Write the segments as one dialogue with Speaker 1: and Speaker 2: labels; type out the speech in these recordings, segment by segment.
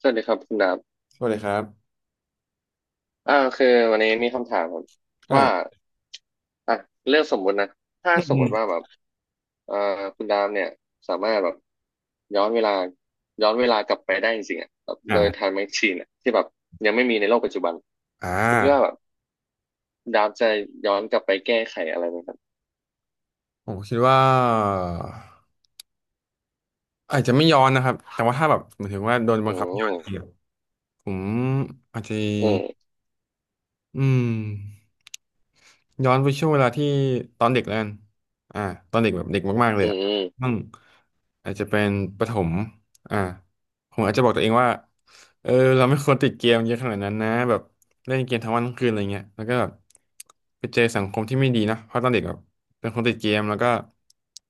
Speaker 1: สวัสดีครับคุณดาบ
Speaker 2: สวัสดีครับ
Speaker 1: คือวันนี้มีคำถามครับว่า
Speaker 2: อ่า
Speaker 1: อ่ะเรื่องสมมุตินะถ้า
Speaker 2: อื
Speaker 1: สมมุ
Speaker 2: ม
Speaker 1: ติว่าแบบเอ่อคุณดาบเนี่ยสามารถแบบย้อนเวลาย้อนเวลากลับไปได้จริงๆอ่ะแบบโดยไท
Speaker 2: อ่า
Speaker 1: ม์แมชชีนอ่ะที่แบบยังไม่มีในโลกปัจจุบัน
Speaker 2: อ่
Speaker 1: คุณคิดว่าแบ
Speaker 2: า
Speaker 1: บคุณดาบจะย้อนกลับไปแก้ไขอะไรไหมครับ
Speaker 2: ผมคิดว่าอาจจะไม่ย้อนนะครับ แต่ว่าถ้าแบบหมายถึงว่าโดนบั
Speaker 1: อื
Speaker 2: งคับให้ย้อน
Speaker 1: ม
Speaker 2: จริงๆอะผมอาจจะ
Speaker 1: อืม
Speaker 2: อืมย้อนไปช่วงเวลาที่ตอนเด็กแล้วกันอ่าตอนเด็กแบบเด็กมากๆเล
Speaker 1: อื
Speaker 2: ยอ่ะอื
Speaker 1: ม
Speaker 2: มอาจจะเป็นประถมอ่าผมอาจจะบอกตัวเองว่าเออเราไม่ควรติดเกมเยอะขนาดนั้นนะแบบเล่นเกมทั้งวันทั้งคืนอะไรเงี้ยแล้วก็แบบไปเจอสังคมที่ไม่ดีนะเพราะตอนเด็กแบบเป็นคนติดเกมแล้วก็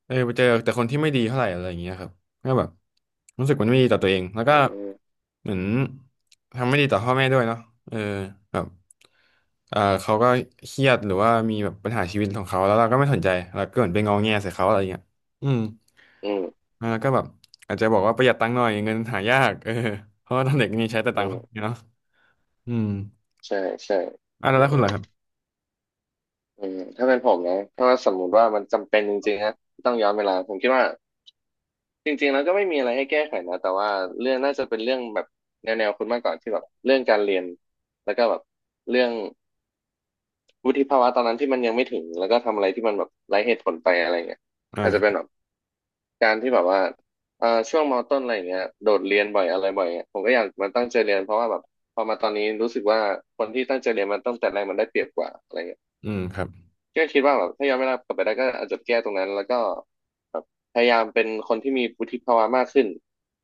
Speaker 2: เออไปเจอแต่คนที่ไม่ดีเท่าไหร่อะไรอย่างเงี้ยครับ ก็แบบรู้สึกมันไม่ดีต่อตัวเองแล้วก็
Speaker 1: อืม
Speaker 2: เหมือนทำไม่ดีต่อพ่อแม่ด้วยเนาะเออแบบเออเขาก็เครียดหรือว่ามีแบบปัญหาชีวิตของเขาแล้วเราก็ไม่สนใจเราก็เหมือนไปงอแงใส่เขาอะไรเงี้ยอืม
Speaker 1: อืมอืม
Speaker 2: แล้วก็แบบอาจจะบอกว่าประหยัดตังค์หน่อยเงินหายากเออเพราะว่าตอนเด็กนี่ใช้แต่ตั
Speaker 1: อื
Speaker 2: งค์
Speaker 1: ม
Speaker 2: นีเนาะอืม
Speaker 1: ใช่ใช่
Speaker 2: อ่ะ
Speaker 1: อื
Speaker 2: แล้ว
Speaker 1: ม
Speaker 2: คุณล่ะครับ
Speaker 1: อืมถ้าเป็นผมนะถ้าว่าสมมุติว่ามันจำเป็นจริงๆนะที่ต้องย้อนเวลาผมคิดว่า จริงๆแล้วก็ไม่มีอะไรให้แก้ไขนะแต่ว่าเรื่องน่าจะเป็นเรื่องแบบแนวๆคุณมากกว่าที่แบบเรื่องการเรียนแล้วก็แบบเรื่องวุฒิภาวะตอนนั้นที่มันยังไม่ถึงแล้วก็ทำอะไรที่มันแบบไร้เหตุผลไปอะไรเงี้ยอาจจะเป็
Speaker 2: อ่า
Speaker 1: นแบบการที่แบบว่าช่วงมต้นอะไรเงี้ยโดดเรียนบ่อยอะไรบ่อยเงี้ยผมก็อยากมาตั้งใจเรียนเพราะว่าแบบพอมาตอนนี้รู้สึกว่าคนที่ตั้งใจเรียนมันตั้งแต่แรกมันได้เปรียบกว่าอะไรเงี้ย
Speaker 2: อืมครับ
Speaker 1: ก็คิดว่าแบบถ้าย้อนเวลากลับไปได้ก็อาจจะแก้ตรงนั้นแล้วก็แบบพยายามเป็นคนที่มีวุฒิภาวะมากขึ้น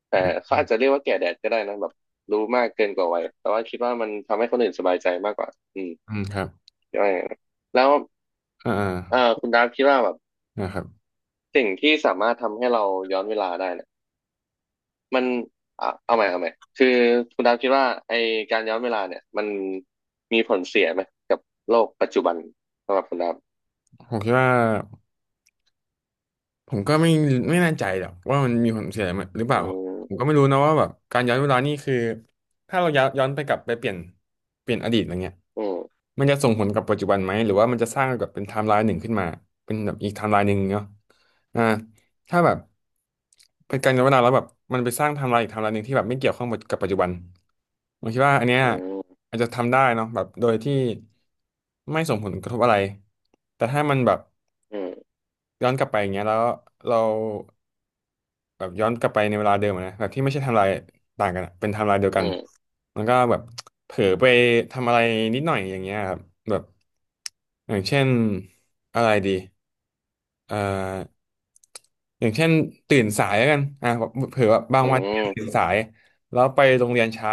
Speaker 1: แต่
Speaker 2: อืม
Speaker 1: เขาอาจจะเรียกว่าแก่แดดก็ได้นะแบบรู้มากเกินกว่าวัยแต่ว่าคิดว่ามันทำให้คนอื่นสบายใจมากกว่าอืม
Speaker 2: อืมครับ
Speaker 1: ก็อย่างนั้นแล้ว
Speaker 2: อ่าอ่า
Speaker 1: คุณดาฟคิดว่าแบบ
Speaker 2: นะครับ
Speaker 1: สิ่งที่สามารถทำให้เราย้อนเวลาได้เนี่ยมันอ่ะเอาใหม่เอาใหม่คือคุณดาฟคิดว่าไอการย้อนเวลาเนี่ยมันมีผลเสียไหมกับโลกปัจจุบันสำหรับคุณดาฟ
Speaker 2: ผมคิดว่า ผมก็ไม่แน่ใจหรอกว่ามันมีผลเสียหรือเป
Speaker 1: อื
Speaker 2: ล่าผมก็
Speaker 1: ม
Speaker 2: ไม่รู้นะว่าแบบการย้อนเวลานี่คือถ้าเราย้อนไปกลับไปเปลี่ยนอดีตอะไรเงี้ย
Speaker 1: อืม
Speaker 2: มันจะส่งผลกับปัจจุบันไหมหรือว่ามันจะสร้างแบบเป็นไทม์ไลน์หนึ่งขึ้นมาเป็นแบบอีกไทม์ไลน์หนึ่งเนาะอ่าถ้าแบบเป็นการย้อนเวลาแล้วแบบมันไปสร้างไทม์ไลน์อีกไทม์ไลน์หนึ่งที่แบบไม่เกี่ยวข้องกับปัจจุบันผมคิดว่าอันเนี้ย
Speaker 1: อืม
Speaker 2: อาจจะทำได้เนาะแบบโดยที่ไม่ส่งผลกระทบอะไรแต่ถ้ามันแบบ
Speaker 1: อืม
Speaker 2: ย้อนกลับไปอย่างเงี้ยแล้วเรา แบบย้อนกลับไปในเวลาเดิมอะนะแบบที่ไม่ใช่ไทำลายต่างกันอะเป็นไทำลายเดียวกั
Speaker 1: อื
Speaker 2: น
Speaker 1: ม
Speaker 2: แล้วก็แบบเผลอไปทำอะไรนิดหน่อยอย่างเงี้ยครับแบบอย่างเช่นอะไรดีเอ่ออย่างเช่นตื่นสายแล้วกันอ่ะเผื่อว่าบาง
Speaker 1: อื
Speaker 2: วันตื่น
Speaker 1: ม
Speaker 2: สายแล้วไปโรงเรียนช้า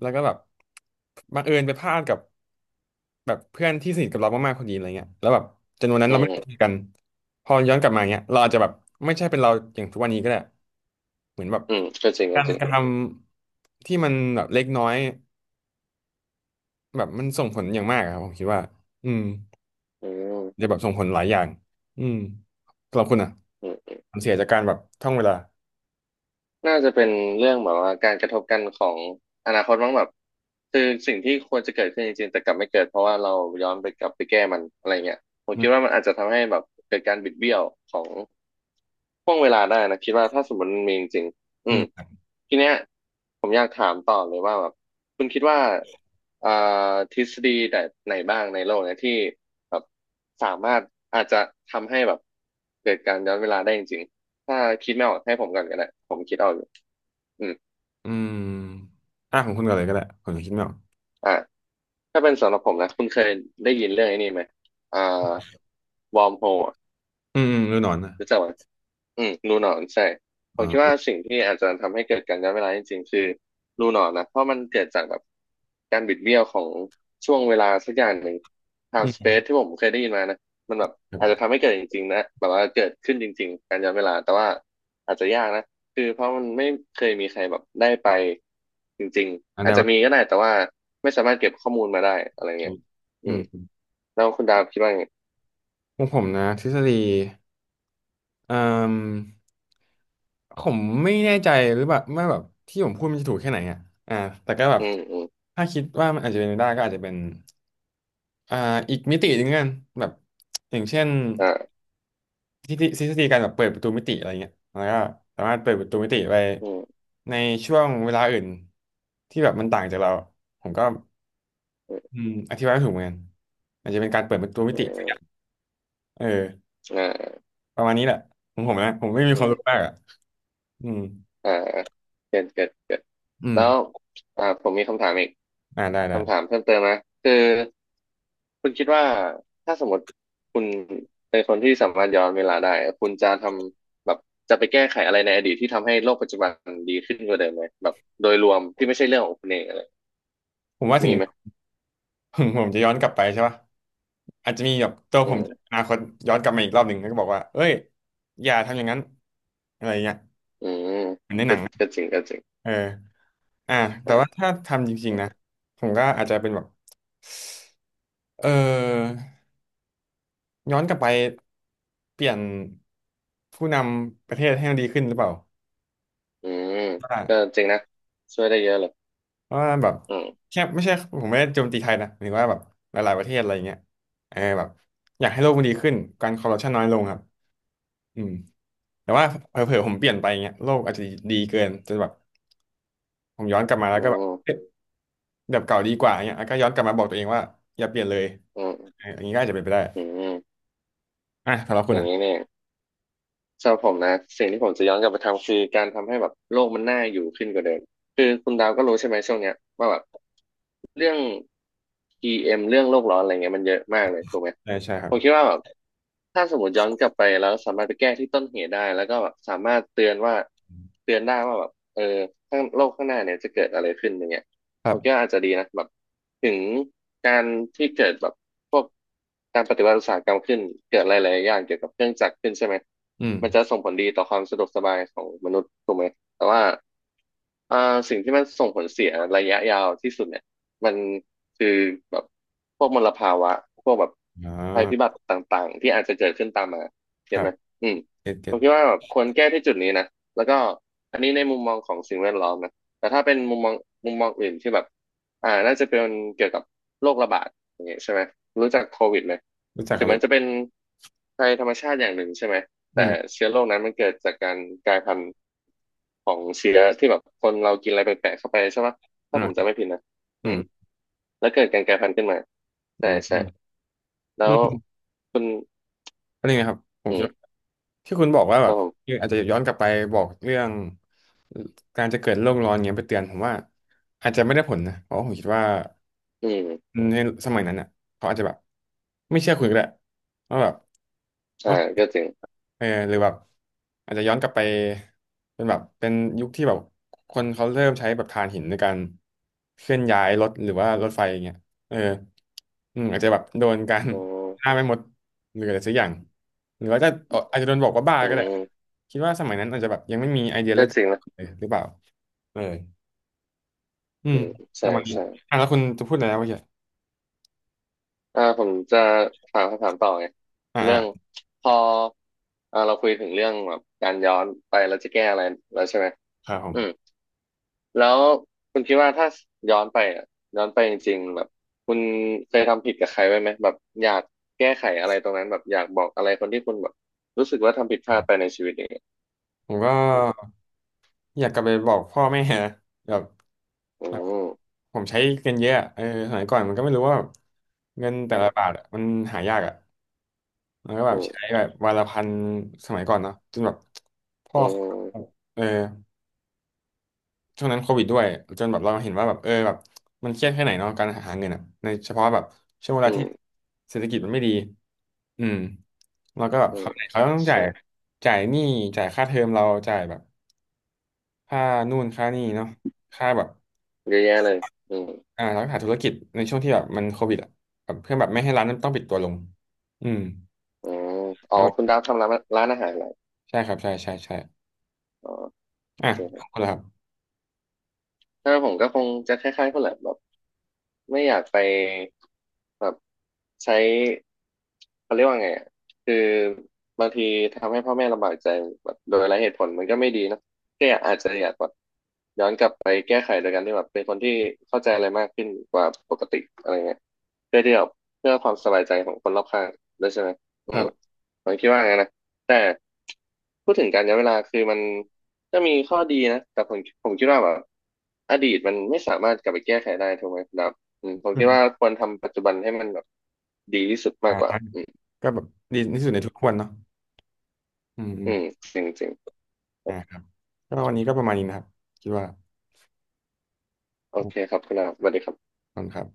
Speaker 2: แล้วก็แบบบังเอิญไปพลาดกับ แบบเพื่อนที่สนิทกับเรามากๆคนนี้อะไรเงี้ยแล้วแบบจำนวนนั้น
Speaker 1: อื
Speaker 2: เราไม่ได้คุย
Speaker 1: ม
Speaker 2: กันพอย้อนกลับมาเงี้ยเราอาจจะแบบไม่ใช่เป็นเราอย่างทุกวันนี้ก็ได้เหมือนแบบ
Speaker 1: อืมก็จริงก็
Speaker 2: การ
Speaker 1: จริ
Speaker 2: ก
Speaker 1: ง
Speaker 2: ระทำที่มันแบบเล็กน้อยแบบมันส่งผลอย่างมากอะครับผมคิดว่าอืม
Speaker 1: อืม
Speaker 2: จะแบบส่งผลหลายอย่างอืมสำหรับคุณอ่ะ
Speaker 1: อืม
Speaker 2: ความเสียจากการแบบท่องเวลา
Speaker 1: น่าจะเป็นเรื่องแบบว่าการกระทบกันของอนาคตมั้งแบบ คือสิ่งที่ควรจะเกิดขึ้นจริงๆแต่กลับไม่เกิดเพราะว่าเราย้อนไปกลับไปแก้มันอะไรเงี้ย ผม
Speaker 2: อื
Speaker 1: คิด
Speaker 2: ม
Speaker 1: ว่ามันอาจจะทำให้แบบเกิดการบิดเบี้ยวของ ห่วงเวลาได้นะคิดว่าถ้าสมมติมันมีจริงๆอื
Speaker 2: อื
Speaker 1: ม
Speaker 2: ม
Speaker 1: ทีเนี้ยผมอยากถามต่อเลยว่าแบบคุณคิดว่าอ่าทฤษฎีแบบไหนบ้างในโลกเนี่ยที่แบบสามารถอาจจะทำให้แบบเกิดการย้อนเวลาได้จริงๆถ้าคิดไม่ออกให้ผมก่อนก็ได้ผมคิดเอาอยู่อืม
Speaker 2: อืมอ่ะของคุณก่อนเลยก็ได้ผมยังคิดไม่ออก
Speaker 1: อ่าถ้าเป็นสำหรับผมนะคุณเคยได้ยินเรื่องไอ้นี้ไหมอ่าวอร์มโฮล
Speaker 2: อืมอืมฤดูหนอนนะ
Speaker 1: รู้จักไหม อืมรูหนอนใช่ผ
Speaker 2: อ๋
Speaker 1: มคิดว่า
Speaker 2: อ
Speaker 1: สิ่งที่อาจจะทำให้เกิดการย้อนเวลาจริงๆคือรูหนอนนะเพราะมันเกิดจากแบบการบิดเบี้ยวของช่วงเวลาสักอย่างหนึ่ง
Speaker 2: อื
Speaker 1: time
Speaker 2: ม
Speaker 1: space ที่ผมเคยได้ยินมานะมันแบบ
Speaker 2: ครั
Speaker 1: อาจจะ
Speaker 2: บ
Speaker 1: ทำให้เกิดจริงๆนะแบบว่าเกิดขึ้นจริงๆการย้อนเวลาแต่ว่าอาจจะยากนะคือเพราะมันไม่เคยมีใครแบบได้ไปจริง
Speaker 2: อั
Speaker 1: ๆ
Speaker 2: นไหน
Speaker 1: อาจจะ
Speaker 2: วะ
Speaker 1: มีก็ได้แต่ว่าไม่สามารถเก็บข้อมูลมาได้อะไรเงี้ยอื
Speaker 2: อื
Speaker 1: ม
Speaker 2: ม
Speaker 1: แล้วคุณดาวคิดว่าไง
Speaker 2: ของผมนะทฤษฎี อ่ามผมไม่แน่ใจหรือแบบว่าแบบที่ผมพูดมันจะถูกแค่ไหนอ่ะอ่าแต่ก็แบบ
Speaker 1: อืมอืม
Speaker 2: ถ้าคิดว่ามันอาจจะเป็นไปได้ก็อาจจะเป็นอ่าอีกมิติหนึ่งกันแบบอย่างเช่น
Speaker 1: อ่า
Speaker 2: ที่ที่ทฤษฎีการแบบเปิดประตูมิติอะไรเงี้ยแล้วก็สามารถเปิดประตูมิติไป
Speaker 1: อืม
Speaker 2: ในช่วงเวลาอื่นที่แบบมันต่างจากเราผมก็
Speaker 1: อืม
Speaker 2: อธิบายไม่ถูกเหมือนกันอาจจะเป็นการเปิดประตูมิ
Speaker 1: อื
Speaker 2: ติ
Speaker 1: ม
Speaker 2: เออประมาณนี้แหละของผมนะผมไม่มีความ
Speaker 1: อ่า
Speaker 2: รู้มากอ่ะอืม
Speaker 1: อ่าเกิดเกิด
Speaker 2: อืม
Speaker 1: แล้วผมมีคำถามอีก
Speaker 2: อ่าได้ได้
Speaker 1: คำถามเพิ่มเติมนะคือคุณคิดว่าถ้าสมมติคุณเป็นคนที่สามารถย้อนเวลาได้คุณจะทำแบบจะไปแก้ไขอะไรในอดีตที่ทำให้โลกปัจจุบันดีขึ้นกว่าเดิมไหมแบบโดยรวมที่ไม่ใช่เรื่องของคุณเองอะไร
Speaker 2: ผมว่าถึ
Speaker 1: มี
Speaker 2: ง
Speaker 1: ไหม
Speaker 2: ผมจะย้อนกลับไปใช่ปะอาจจะมีแบบตัว
Speaker 1: อื
Speaker 2: ผมอ
Speaker 1: ม
Speaker 2: นาคตย้อนกลับมาอีกรอบหนึ่งแล้วก็บอกว่าเอ้ยอย่าทำอย่างนั้นอะไรเงี้ย
Speaker 1: อืม
Speaker 2: เหมือนในห
Speaker 1: ก็
Speaker 2: นังนะ
Speaker 1: ก็จริงก็จริง
Speaker 2: เอออ่ะแต่
Speaker 1: อ่
Speaker 2: ว่า
Speaker 1: า
Speaker 2: ถ้าทำจริงๆนะผมก็อาจจะเป็นแบบเออย้อนกลับไปเปลี่ยนผู้นำประเทศให้มันดีขึ้นหรือเปล่า
Speaker 1: อืมก็
Speaker 2: ว่า
Speaker 1: จริงนะช่วยได้เยอะเลย
Speaker 2: ว่าแบบ
Speaker 1: อืม
Speaker 2: แค่ไม่ใช่ผมไม่ได้โจมตีใครนะหรือว่าแบบหลายๆประเทศอะไรอย่างเงี้ยเออแบบอยากให้โลกมันดีขึ้นการคอร์รัปชันน้อยลงครับอืม แต่ว่าเผลอๆผมเปลี่ยนไปเงี้ยโลกอาจจะดีเกินจนแบบผมย้อนกลับมาแล้ว
Speaker 1: อื
Speaker 2: ก็แบบเอ๊ะ
Speaker 1: ม
Speaker 2: แบบเก่าดีกว่าเงี้ยแล้วก็ย้อนกลับมาบอกตัวเองว่าอย่าเปลี่ยนเลย
Speaker 1: อืม
Speaker 2: เอออย่างนี้ก็อาจจะเป็นไปได้
Speaker 1: อืม
Speaker 2: อ่ะสำหรับคุ
Speaker 1: อ
Speaker 2: ณ
Speaker 1: ย่าง
Speaker 2: อ่ะ
Speaker 1: นี้เนี่ย สำหรับผมนะสิ่งที่ผมจะย้อนกลับไปทำคือการทำให้แบบโลกมันน่าอยู่ขึ้นกว่าเดิมคือคุณดาวก็รู้ใช่ไหมช่วงเนี้ยว่าแบบ เรื่อง PM เอ็มเรื่องโลกร้อนอะไรเงี้ยมันเยอะมากเลยถูกไหม
Speaker 2: ใช่ใช่ครั
Speaker 1: ผ
Speaker 2: บ
Speaker 1: มคิดว่าแบบถ้าสมมติย้อนกลับไปแล้วสามารถไปแก้ที่ต้นเหตุได้แล้วก็แบบสามารถเตือนว่าเตือนได้ว่าแบบเออข้างโลกข้างหน้าเนี่ยจะเกิดอะไรขึ้นอย่างเงี้ย
Speaker 2: ค
Speaker 1: ผ
Speaker 2: รั
Speaker 1: มคิด
Speaker 2: บ
Speaker 1: ว่าอาจจะดีนะแบบถึงการที่เกิดแบบพวกการปฏิวัติอุตสาหกรรมขึ้นเกิดหลายๆอย่างเกี่ยวกับเครื่องจักรขึ้นใช่ไหม
Speaker 2: อื
Speaker 1: มัน
Speaker 2: ม
Speaker 1: จะส่งผลดีต่อความสะดวกสบายของมนุษย์ถูกไหมแต่ว่าอ่าสิ่งที่มันส่งผลเสียระยะยาวที่สุดเนี่ย มันคือแบบพวกมลภาวะพวกแบบ
Speaker 2: อ๋อ
Speaker 1: ภัยพิบัติต่างๆที่อาจจะเกิดขึ้นตามมา
Speaker 2: ค
Speaker 1: เห็น
Speaker 2: รั
Speaker 1: ไห
Speaker 2: บ
Speaker 1: มอืม
Speaker 2: เจ็ด
Speaker 1: ผ
Speaker 2: เจ็ด
Speaker 1: มคิดว่าแบบควรแก้ที่จุดนี้นะแล้วก็อันนี้ในมุมมองของสิ่งแวดล้อมนะแต่ถ้าเป็นมุมมองอื่นที่แบบน่าจะเป็นเกี่ยวกับโรคระบาดอย่างเงี้ยใช่ไหมรู้จักโควิดไหม
Speaker 2: รู้จักค
Speaker 1: ถึ
Speaker 2: รั
Speaker 1: ง
Speaker 2: บ
Speaker 1: มั
Speaker 2: รู้
Speaker 1: น
Speaker 2: จั
Speaker 1: จะเป็น
Speaker 2: ก
Speaker 1: ภัยธรรมชาติอย่างหนึ่งใช่ไหม
Speaker 2: อื
Speaker 1: แต่
Speaker 2: ม
Speaker 1: เชื้อโรคนั้นมันเกิดจากการกลายพันธุ์ของเชื้อที่แบบคนเรากินอะไรแปลกๆเข้าไปใช่ไหมถ้า
Speaker 2: อ่า
Speaker 1: ผม
Speaker 2: ครั
Speaker 1: จำ
Speaker 2: บ
Speaker 1: ไม่ผิดนะ
Speaker 2: อื
Speaker 1: อื
Speaker 2: ม
Speaker 1: ม แล้วเกิดการกลายพันธุ์ขึ้นมาใช่
Speaker 2: อืมอื
Speaker 1: ใช่
Speaker 2: ม
Speaker 1: แล้
Speaker 2: อื
Speaker 1: ว
Speaker 2: ม
Speaker 1: คุณ
Speaker 2: ก็นี่นะครับผม
Speaker 1: อื
Speaker 2: คิด
Speaker 1: ม
Speaker 2: ว่าที่คุณบอกว่า
Speaker 1: ค
Speaker 2: แบ
Speaker 1: รับ
Speaker 2: บ
Speaker 1: ผ
Speaker 2: อ
Speaker 1: ม
Speaker 2: ออาจจะย้อนกลับไปบอกเรื่องการจะเกิดโลกร้อนเงี้ยไปเตือนผมว่าอาจจะไม่ได้ผลนะเพราะผมคิดว่า
Speaker 1: อืม
Speaker 2: อืมในสมัยนั้นอ่ะเขาอาจจะแบบไม่เชื่อคุณก็ได้ว่าแบบ
Speaker 1: ใช่
Speaker 2: ว่า
Speaker 1: ก็จริง
Speaker 2: เออหรือแบบอาจจะย้อนกลับไปเป็นแบบเป็นยุคที่แบบคนเขาเริ่มใช้แบบถ่านหินในการเคลื่อนย้ายรถหรือว่ารถไฟอย่างเงี้ยเอออืมอาจจะแบบโดนการ
Speaker 1: อืม
Speaker 2: ฆ่าไม่หมดหรืออะไรสักอย่างหรือว่าจะเอาอาจจะโดนบอกว่าบ้า
Speaker 1: อื
Speaker 2: ก็ได้
Speaker 1: ม
Speaker 2: คิดว่าสมัยนั้นอาจจะแบบยังไม่มีไอเดียเรื่
Speaker 1: ก็
Speaker 2: อง
Speaker 1: จริงนะ
Speaker 2: เลยหรือเปล่าเอออื
Speaker 1: อื
Speaker 2: ม
Speaker 1: ม
Speaker 2: ป
Speaker 1: ใช่
Speaker 2: ระมาณนี้
Speaker 1: ใช่
Speaker 2: อ่ะแล้วคุณจะพูดอะไรนะเมื่อกี้
Speaker 1: ผมจะถามคำถามต่อไง
Speaker 2: อ่า
Speaker 1: เรื่อง
Speaker 2: อ่า
Speaker 1: พอเราคุยถึงเรื่องแบบการย้อนไปเราจะแก้อะไรแล้วใช่ไหม
Speaker 2: ครับผม
Speaker 1: อืมแล้วคุณคิดว่าถ้าย้อนไปอ่ะย้อนไปจริงๆแบบคุณเคยทำผิดกับใครไว้ไหมแบบอยากแก้ไขอะไรตรงนั้นแบบอยากบอกอะไรคนที่คุณแบบรู้สึกว่าทำผิดพ
Speaker 2: ค
Speaker 1: ลา
Speaker 2: รั
Speaker 1: ดไป
Speaker 2: บ
Speaker 1: ในชีวิต
Speaker 2: ผมก็อยากกลับไปบอกพ่อแม่นะแบบ
Speaker 1: อื
Speaker 2: แบบ
Speaker 1: ม
Speaker 2: ผมใช้เงินเยอะอะเออสมัยก่อนมันก็ไม่รู้ว่าเงินแต่ละบาทอะมันหายากอ่ะมันก็แบ
Speaker 1: อื
Speaker 2: บ
Speaker 1: ม
Speaker 2: ใช้แบบวันละพันสมัยก่อนเนาะจนแบบพ่อ
Speaker 1: อืม
Speaker 2: เออช่วงนั้นโควิดด้วยจนแบบเราเห็นว่าแบบเออแบบมันเครียดแค่ไหนเนาะการหาเงินอ่ะในเฉพาะแบบช่วงเว
Speaker 1: อื
Speaker 2: ลา
Speaker 1: มอื
Speaker 2: ที่
Speaker 1: ม
Speaker 2: เศรษฐกิจมันไม่ดีอืมเราก็แบบ
Speaker 1: อื
Speaker 2: เขา
Speaker 1: ม
Speaker 2: วไหนเขาต้องจ่าย
Speaker 1: ใช่
Speaker 2: จ่ายหนี้จ่ายค่าเทอมเราจ่ายแบบค่านู่นค่านี่เนาะค่าแบบ
Speaker 1: เยอะแยะเลยอืม
Speaker 2: อ่าร้านขายธุรกิจในช่วงที่แบบมันโควิดอ่ะแบบเพื่อแบบไม่ให้ร้านนั้นต้องปิดตัวลงอืม
Speaker 1: อืมอ๋อ
Speaker 2: ไม่ไหว
Speaker 1: คุณดาวทำร้านร้านอาหารอะไร
Speaker 2: ใช่ครับใช่ใช่ใช่
Speaker 1: อ๋อโอ
Speaker 2: อ่ะ
Speaker 1: เคค
Speaker 2: ข
Speaker 1: รั
Speaker 2: อบคุณ
Speaker 1: บ
Speaker 2: ครับ
Speaker 1: ถ้าผมก็คงจะคล้ายๆคนแหละแบบ ไม่อยากไปแบบใช้เขาเรียกว่าไงอะคือบางทีทำให้พ่อแม่ลำบากใจแบบโดยไร้เหตุผลมันก็ไม่ดีเนอะก็อยากอาจจะอยากแบบย้อนกลับไปแก้ไขโดยการที่แบบเป็นคนที่เข้าใจอะไรมากขึ้นกว่าปกติอะไรเงี้ยเพื่อที่แบบเพื่อความสบายใจของคนรอบข้างด้วยใช่ไหมอื
Speaker 2: ครั
Speaker 1: ม
Speaker 2: บ
Speaker 1: ผมคิดว่าไงนนะแต่ พูดถึงการย้อนเวลาคือมันมีข้อดีนะแต่ผมคิดว่าแบบอดีตมันไม่สามารถกลับไปแก้ไขได้ถูกไหมครับอืมผม
Speaker 2: อื
Speaker 1: คิดว่า
Speaker 2: ม
Speaker 1: ควรทำปัจจุบันให้มันแบบดีที่สุดมา
Speaker 2: อ่า
Speaker 1: กกว่าอืม
Speaker 2: ก็แบบดีที่สุดในทุกวันเนาะอืมอื
Speaker 1: อื
Speaker 2: ม
Speaker 1: มจริงจริง
Speaker 2: อ่าครับก็วันนี้ก็ประมาณนี้นะครับคิดว่า
Speaker 1: โอ
Speaker 2: ขอบ
Speaker 1: เคครับคุณลาบสวัสดีครับ
Speaker 2: คุณครับ